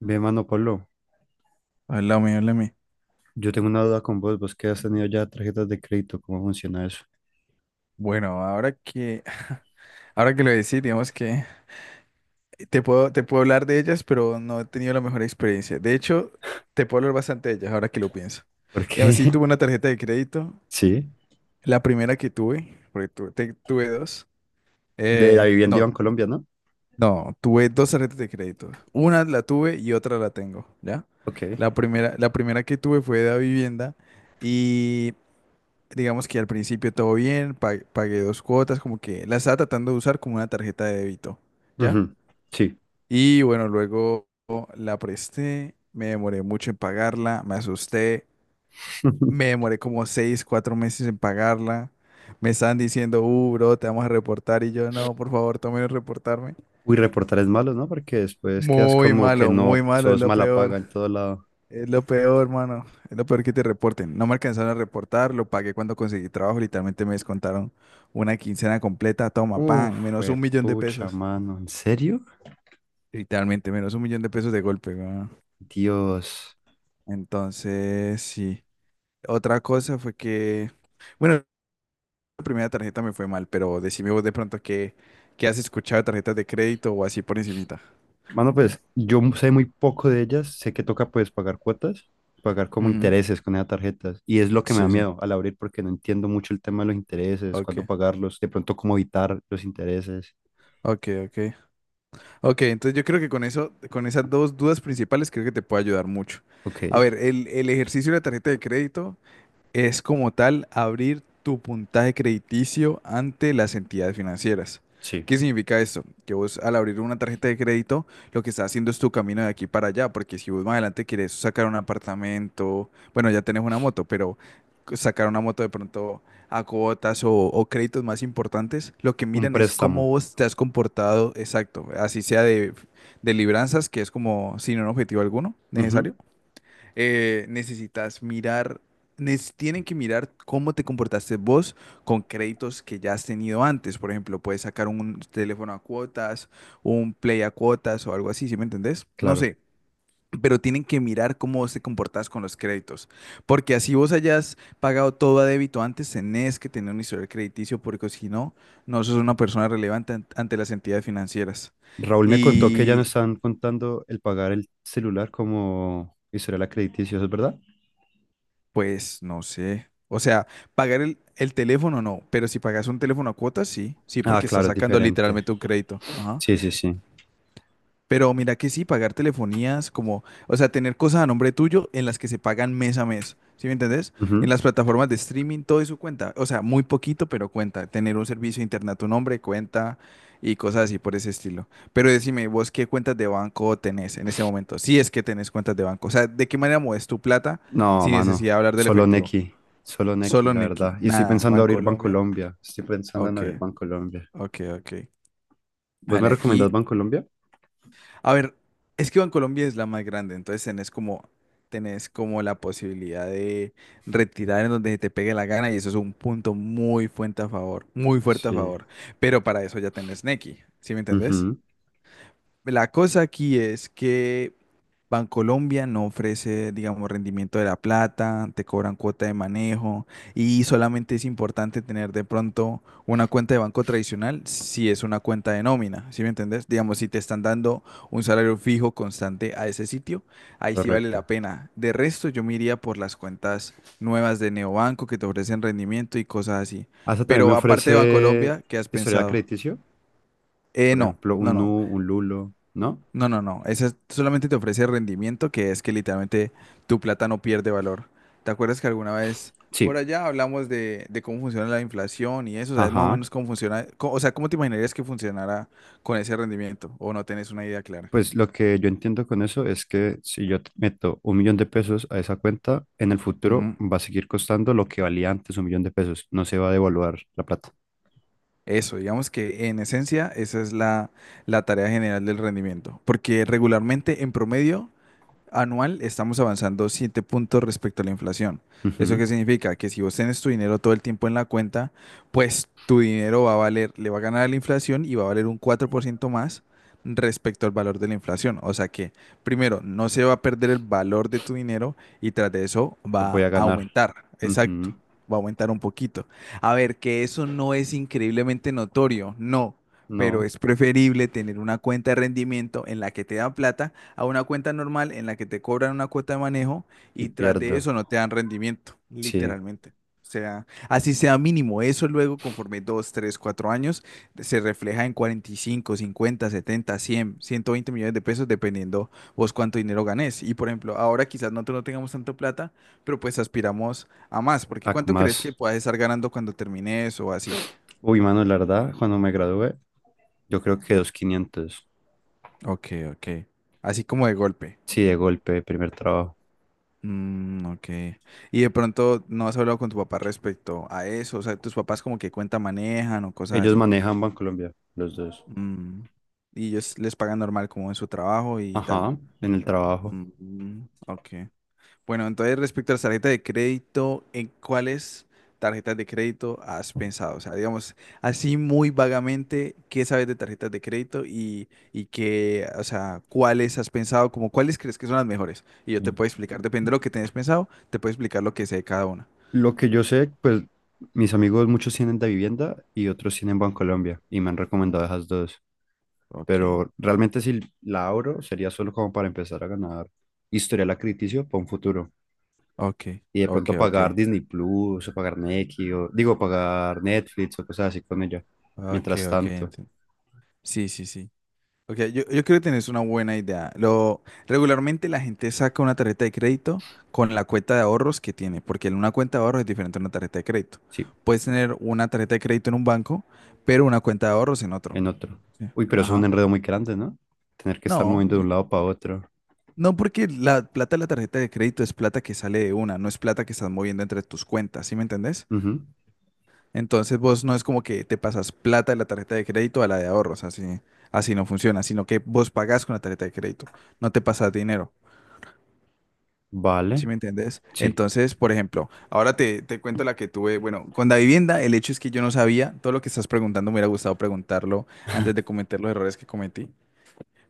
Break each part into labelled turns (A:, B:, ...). A: Ve, mano Pablo,
B: Hola, mi háblame, háblame.
A: yo tengo una duda con vos, vos que has tenido ya tarjetas de crédito, ¿cómo funciona eso?
B: Bueno, ahora que, ahora que lo decís, digamos que te puedo hablar de ellas, pero no he tenido la mejor experiencia. De hecho, te puedo hablar bastante de ellas ahora que lo pienso. Digamos,
A: Porque,
B: sí tuve una tarjeta de crédito,
A: sí,
B: la primera que tuve, porque tuve dos.
A: de la vivienda iba
B: No,
A: en Colombia, ¿no?
B: no, tuve dos tarjetas de crédito. Una la tuve y otra la tengo, ¿ya?
A: Ok,
B: La primera que tuve fue de la vivienda. Digamos que al principio todo bien, pagué dos cuotas, como que la estaba tratando de usar como una tarjeta de débito, ¿ya?
A: ujú, sí.
B: Y bueno, luego la presté, me demoré mucho en pagarla, me asusté, me demoré como 6, 4 meses en pagarla. Me estaban diciendo, bro, te vamos a reportar y yo, no, por favor, tomen reportarme.
A: Uy, reportar es malo, ¿no? Porque después quedas como que
B: Muy
A: no,
B: malo, es
A: sos
B: lo
A: mala paga
B: peor.
A: en todo lado.
B: Es lo peor, hermano. Es lo peor que te reporten. No me alcanzaron a reportar, lo pagué cuando conseguí trabajo. Literalmente me descontaron una quincena completa. Toma,
A: Uf,
B: pan, menos un
A: fue
B: millón de
A: pucha,
B: pesos.
A: mano, ¿en serio?
B: Literalmente, menos 1 millón de pesos de golpe, weón.
A: Dios.
B: Entonces, sí. Otra cosa fue que, bueno, la primera tarjeta me fue mal, pero decime vos de pronto que has escuchado de tarjetas de crédito o así por encimita.
A: Mano, pues yo sé muy poco de ellas, sé que toca pues pagar cuotas, pagar como
B: Ujú.
A: intereses con esas tarjetas y es lo que me da
B: Sí, sí.
A: miedo al abrir porque no entiendo mucho el tema de los intereses, cuándo
B: Ok,
A: pagarlos, de pronto cómo evitar los intereses.
B: ok, ok. Ok, entonces yo creo que con eso, con esas dos dudas principales, creo que te puede ayudar mucho.
A: Ok,
B: A ver, el ejercicio de la tarjeta de crédito es como tal abrir tu puntaje crediticio ante las entidades financieras.
A: sí,
B: ¿Qué significa esto? Que vos al abrir una tarjeta de crédito, lo que estás haciendo es tu camino de aquí para allá, porque si vos más adelante quieres sacar un apartamento, bueno, ya tenés una moto, pero sacar una moto de pronto a cuotas o créditos más importantes, lo que
A: un
B: miran es cómo
A: préstamo.
B: vos te has comportado, exacto, así sea de libranzas, que es como sin un objetivo alguno
A: Ujú,
B: necesario, necesitas mirar, tienen que mirar cómo te comportaste vos con créditos que ya has tenido antes. Por ejemplo, puedes sacar un teléfono a cuotas, un play a cuotas o algo así, ¿sí me entendés? No
A: claro.
B: sé. Pero tienen que mirar cómo vos te comportas con los créditos. Porque así vos hayas pagado todo a débito antes, tenés que tener un historial crediticio, porque si no, no sos una persona relevante ante las entidades financieras.
A: Raúl me contó que ya no
B: Y,
A: están contando el pagar el celular como historial crediticio, ¿eso es verdad?
B: Pues no sé. O sea, pagar el teléfono no, pero si pagas un teléfono a cuotas, sí, sí,
A: Ah,
B: porque estás
A: claro, es
B: sacando
A: diferente.
B: literalmente un crédito. Ajá.
A: Sí, sí, sí.
B: Pero mira que sí, pagar telefonías, como, o sea, tener cosas a nombre tuyo en las que se pagan mes a mes, ¿sí me entendés? En
A: Ujú.
B: las plataformas de streaming, todo eso cuenta. O sea, muy poquito, pero cuenta. Tener un servicio de internet a tu nombre cuenta y cosas así por ese estilo. Pero decime, vos qué cuentas de banco tenés en ese momento, si es que tenés cuentas de banco. O sea, ¿de qué manera mueves tu plata
A: No,
B: sin
A: mano,
B: necesidad de hablar del
A: solo
B: efectivo?
A: Nequi, solo Nequi,
B: Solo
A: la
B: Nicky.
A: verdad. Y estoy
B: Nada,
A: pensando abrir
B: Bancolombia.
A: Bancolombia, estoy pensando en
B: Ok,
A: abrir Bancolombia.
B: ok, ok.
A: ¿Vos me
B: Vale,
A: recomendás
B: aquí.
A: Bancolombia?
B: A ver, es que Bancolombia es la más grande, entonces tenés como la posibilidad de retirar en donde te pegue la gana y eso es un punto muy fuerte a favor, muy fuerte a
A: Sí,
B: favor. Pero para eso ya tenés Nequi, ¿sí me entendés?
A: ujú,
B: La cosa aquí es que Bancolombia no ofrece, digamos, rendimiento de la plata, te cobran cuota de manejo y solamente es importante tener de pronto una cuenta de banco tradicional si es una cuenta de nómina, ¿sí me entendés? Digamos, si te están dando un salario fijo constante a ese sitio, ahí sí vale
A: correcto.
B: la pena. De resto, yo me iría por las cuentas nuevas de Neobanco que te ofrecen rendimiento y cosas así.
A: Hasta también me
B: Pero aparte de
A: ofrece
B: Bancolombia, ¿qué has
A: historial
B: pensado?
A: crediticio, por
B: No,
A: ejemplo,
B: no,
A: un
B: no.
A: Nu, un Lulo, ¿no?
B: No, no, no. Esa solamente te ofrece rendimiento, que es que literalmente tu plata no pierde valor. ¿Te acuerdas que alguna vez por
A: Sí,
B: allá hablamos de cómo funciona la inflación y eso? ¿Sabes más o
A: ajá.
B: menos cómo funciona? O sea, ¿cómo te imaginarías que funcionara con ese rendimiento? ¿O no tenés una idea clara?
A: Pues lo que yo entiendo con eso es que si yo te meto 1.000.000 de pesos a esa cuenta, en el futuro
B: Ujú.
A: va a seguir costando lo que valía antes 1.000.000 de pesos, no se va a devaluar la plata.
B: Eso, digamos que en esencia esa es la tarea general del rendimiento. Porque regularmente, en promedio, anual estamos avanzando 7 puntos respecto a la inflación. ¿Eso qué
A: Ujú,
B: significa? Que si vos tenés tu dinero todo el tiempo en la cuenta, pues tu dinero va a valer, le va a ganar a la inflación y va a valer un 4% más respecto al valor de la inflación. O sea que, primero, no se va a perder el valor de tu dinero y tras de eso
A: voy
B: va
A: a
B: a
A: ganar.
B: aumentar. Exacto,
A: Ujú.
B: va a aumentar un poquito. A ver, que eso no es increíblemente notorio, no, pero
A: No,
B: es preferible tener una cuenta de rendimiento en la que te da plata a una cuenta normal en la que te cobran una cuota de manejo
A: y
B: y tras de
A: pierdo.
B: eso no te dan rendimiento,
A: Sí,
B: literalmente. O sea, así sea mínimo, eso luego conforme 2, 3, 4 años se refleja en 45, 50, 70, 100, 120 millones de pesos dependiendo vos cuánto dinero ganés. Y por ejemplo, ahora quizás nosotros no tengamos tanto plata, pero pues aspiramos a más, porque ¿cuánto crees que
A: más.
B: puedas estar ganando cuando termines o así?
A: Uy, mano, la verdad, cuando me gradué, yo creo que dos quinientos.
B: Ok, ok. Así como de golpe.
A: Sí, de golpe, primer trabajo.
B: Mm, ok. Y de pronto no has hablado con tu papá respecto a eso. O sea, tus papás como que cuenta manejan o cosas
A: Ellos
B: así.
A: manejan Bancolombia, los dos.
B: Mm, Y ellos les pagan normal como en su trabajo y tal.
A: Ajá, en el trabajo.
B: Mm, ok. Bueno, entonces respecto a las tarjetas de crédito, ¿en cuáles tarjetas de crédito has pensado? O sea, digamos, así muy vagamente, ¿qué sabes de tarjetas de crédito y, qué, o sea, cuáles has pensado? ¿Como cuáles crees que son las mejores? Y yo te puedo explicar, depende de lo que tenés pensado, te puedo explicar lo que sé de cada una.
A: Lo que yo sé, pues mis amigos muchos tienen de vivienda y otros tienen Bancolombia y me han
B: Mm.
A: recomendado esas dos.
B: Ok,
A: Pero realmente si la abro sería solo como para empezar a ganar historial crítico para un futuro.
B: ok,
A: Y de
B: ok,
A: pronto
B: ok,
A: pagar Disney Plus o pagar Nequi o digo pagar Netflix o cosas así con ella.
B: ok,
A: Mientras
B: ok.
A: tanto,
B: Sí, sí, sí. Ok, yo creo que tenés una buena idea. Regularmente la gente saca una tarjeta de crédito con la cuenta de ahorros que tiene, porque una cuenta de ahorros es diferente a una tarjeta de crédito.
A: sí,
B: Puedes tener una tarjeta de crédito en un banco, pero una cuenta de ahorros en otro.
A: en otro.
B: Sí.
A: Uy, pero eso es un
B: Ajá.
A: enredo muy grande, ¿no? Tener que estar
B: No,
A: moviendo de un lado para otro.
B: no porque la plata de la tarjeta de crédito es plata que sale de una, no es plata que estás moviendo entre tus cuentas, ¿sí me entendés?
A: Ujú.
B: Entonces vos no es como que te pasas plata de la tarjeta de crédito a la de ahorros, así, así no funciona, sino que vos pagás con la tarjeta de crédito, no te pasas dinero, ¿sí
A: Vale,
B: me entiendes?
A: sí,
B: Entonces, por ejemplo, ahora te cuento la que tuve, bueno, con la vivienda, el hecho es que yo no sabía, todo lo que estás preguntando me hubiera gustado preguntarlo antes de cometer los errores que cometí,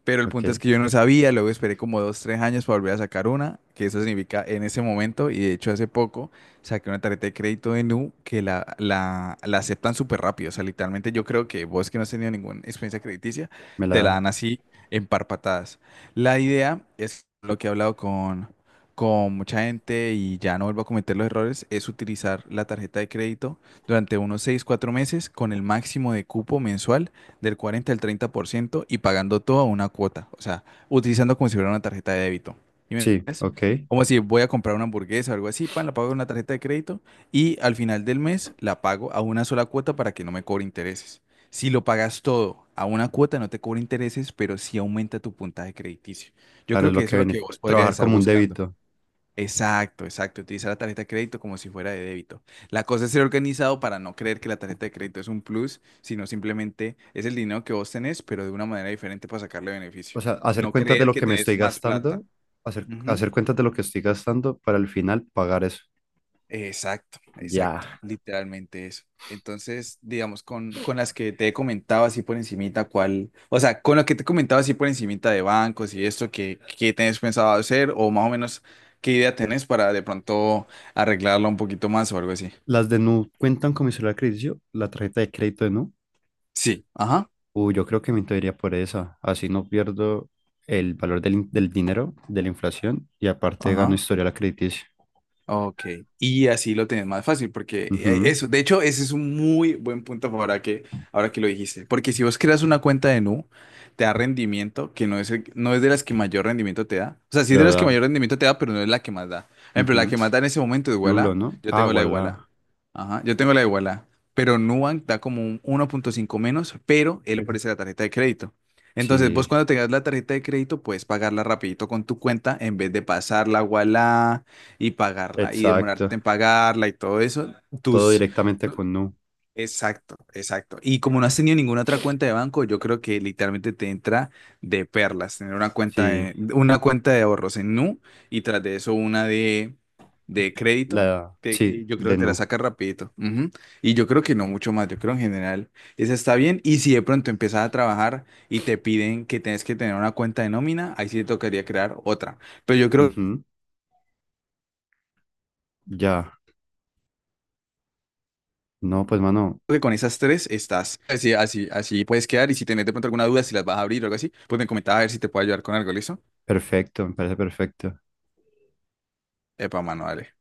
B: pero el
A: ok,
B: punto es que yo no sabía, luego esperé como 2, 3 años para volver a sacar una, que eso significa en ese momento, y de hecho hace poco saqué una tarjeta de crédito de Nu que la aceptan súper rápido, o sea, literalmente yo creo que vos que no has tenido ninguna experiencia crediticia,
A: me la
B: te la
A: dan.
B: dan así en par patadas. La idea es lo que he hablado con mucha gente y ya no vuelvo a cometer los errores, es utilizar la tarjeta de crédito durante unos 6, 4 meses con el máximo de cupo mensual del 40 al 30% y pagando todo a una cuota, o sea, utilizando como si fuera una tarjeta de débito. ¿Y me
A: Sí,
B: entiendes?
A: ok.
B: Como si voy a comprar una hamburguesa o algo así, pan, la pago con una tarjeta de crédito y al final del mes la pago a una sola cuota para que no me cobre intereses. Si lo pagas todo a una cuota, no te cobra intereses, pero sí aumenta tu puntaje crediticio. Yo
A: Claro,
B: creo
A: es
B: que
A: lo que
B: eso es lo que
A: beneficia.
B: vos podrías
A: Trabajar
B: estar
A: como un
B: buscando.
A: débito.
B: Exacto, exacto. Utilizar la tarjeta de crédito como si fuera de débito. La cosa es ser organizado para no creer que la tarjeta de crédito es un plus, sino simplemente es el dinero que vos tenés, pero de una manera diferente para sacarle
A: O
B: beneficio.
A: sea, hacer
B: No
A: cuentas de
B: creer
A: lo
B: que
A: que me
B: tenés
A: estoy
B: más plata.
A: gastando, hacer,
B: Ujú.
A: hacer cuentas de lo que estoy gastando para al final pagar eso.
B: Exacto,
A: Ya.
B: exacto. Literalmente eso. Entonces, digamos, con, las que te he comentado así por encimita, ¿cuál? O sea, con lo que te he comentado así por encimita de bancos y esto, ¿qué tenés pensado hacer? O más o menos, ¿qué idea tenés para de pronto arreglarla un poquito más o algo así?
A: Las de Nu cuentan con mi celular crediticio, la tarjeta de crédito de Nu.
B: Sí, ajá,
A: Uy, yo creo que me entraría por esa. Así no pierdo el valor del dinero, de la inflación, y aparte gano
B: ajá.
A: historial crediticio.
B: Ok, y así lo tenés más fácil, porque
A: Ujú.
B: eso, de hecho, ese es un muy buen punto ahora que lo dijiste, porque si vos creas una cuenta de Nu, te da rendimiento, que no es, no es de las que mayor rendimiento te da, o sea, sí es de
A: Pero
B: las que
A: da.
B: mayor rendimiento te da, pero no es la que más da. Por ejemplo, la que
A: Ujú.
B: más da en ese momento es
A: Lulo,
B: Wala,
A: ¿no?
B: yo
A: Ah,
B: tengo la de Wala,
A: voilà.
B: ajá, yo tengo la de Wala, pero Nubank da como un 1,5 menos, pero él, Ujú, ofrece la tarjeta de crédito. Entonces, vos
A: Sí,
B: cuando tengas la tarjeta de crédito, puedes pagarla rapidito con tu cuenta en vez de pasarla a Ualá y pagarla y demorarte
A: exacto.
B: en pagarla y todo eso,
A: Todo
B: tus...
A: directamente con Nu.
B: Exacto, exacto. Y como no has tenido ninguna otra cuenta de banco, yo creo que literalmente te entra de perlas tener una cuenta
A: Sí.
B: de, una cuenta de ahorros en Nu y tras de eso una de crédito.
A: La,
B: que-
A: sí,
B: que yo creo
A: de
B: que te la
A: no.
B: sacas rapidito. Ujú. Y yo creo que no mucho más. Yo creo en general esa está bien. Y si de pronto empiezas a trabajar y te piden que tienes que tener una cuenta de nómina, ahí sí te tocaría crear otra. Pero yo creo
A: Ujú, ya. No, pues, mano,
B: que con esas tres estás. Así, así, así puedes quedar. Y si tenés de pronto alguna duda, si las vas a abrir o algo así, pues me comentaba a ver si te puedo ayudar con algo, ¿listo?
A: perfecto, me parece perfecto.
B: Epa, mano, dale.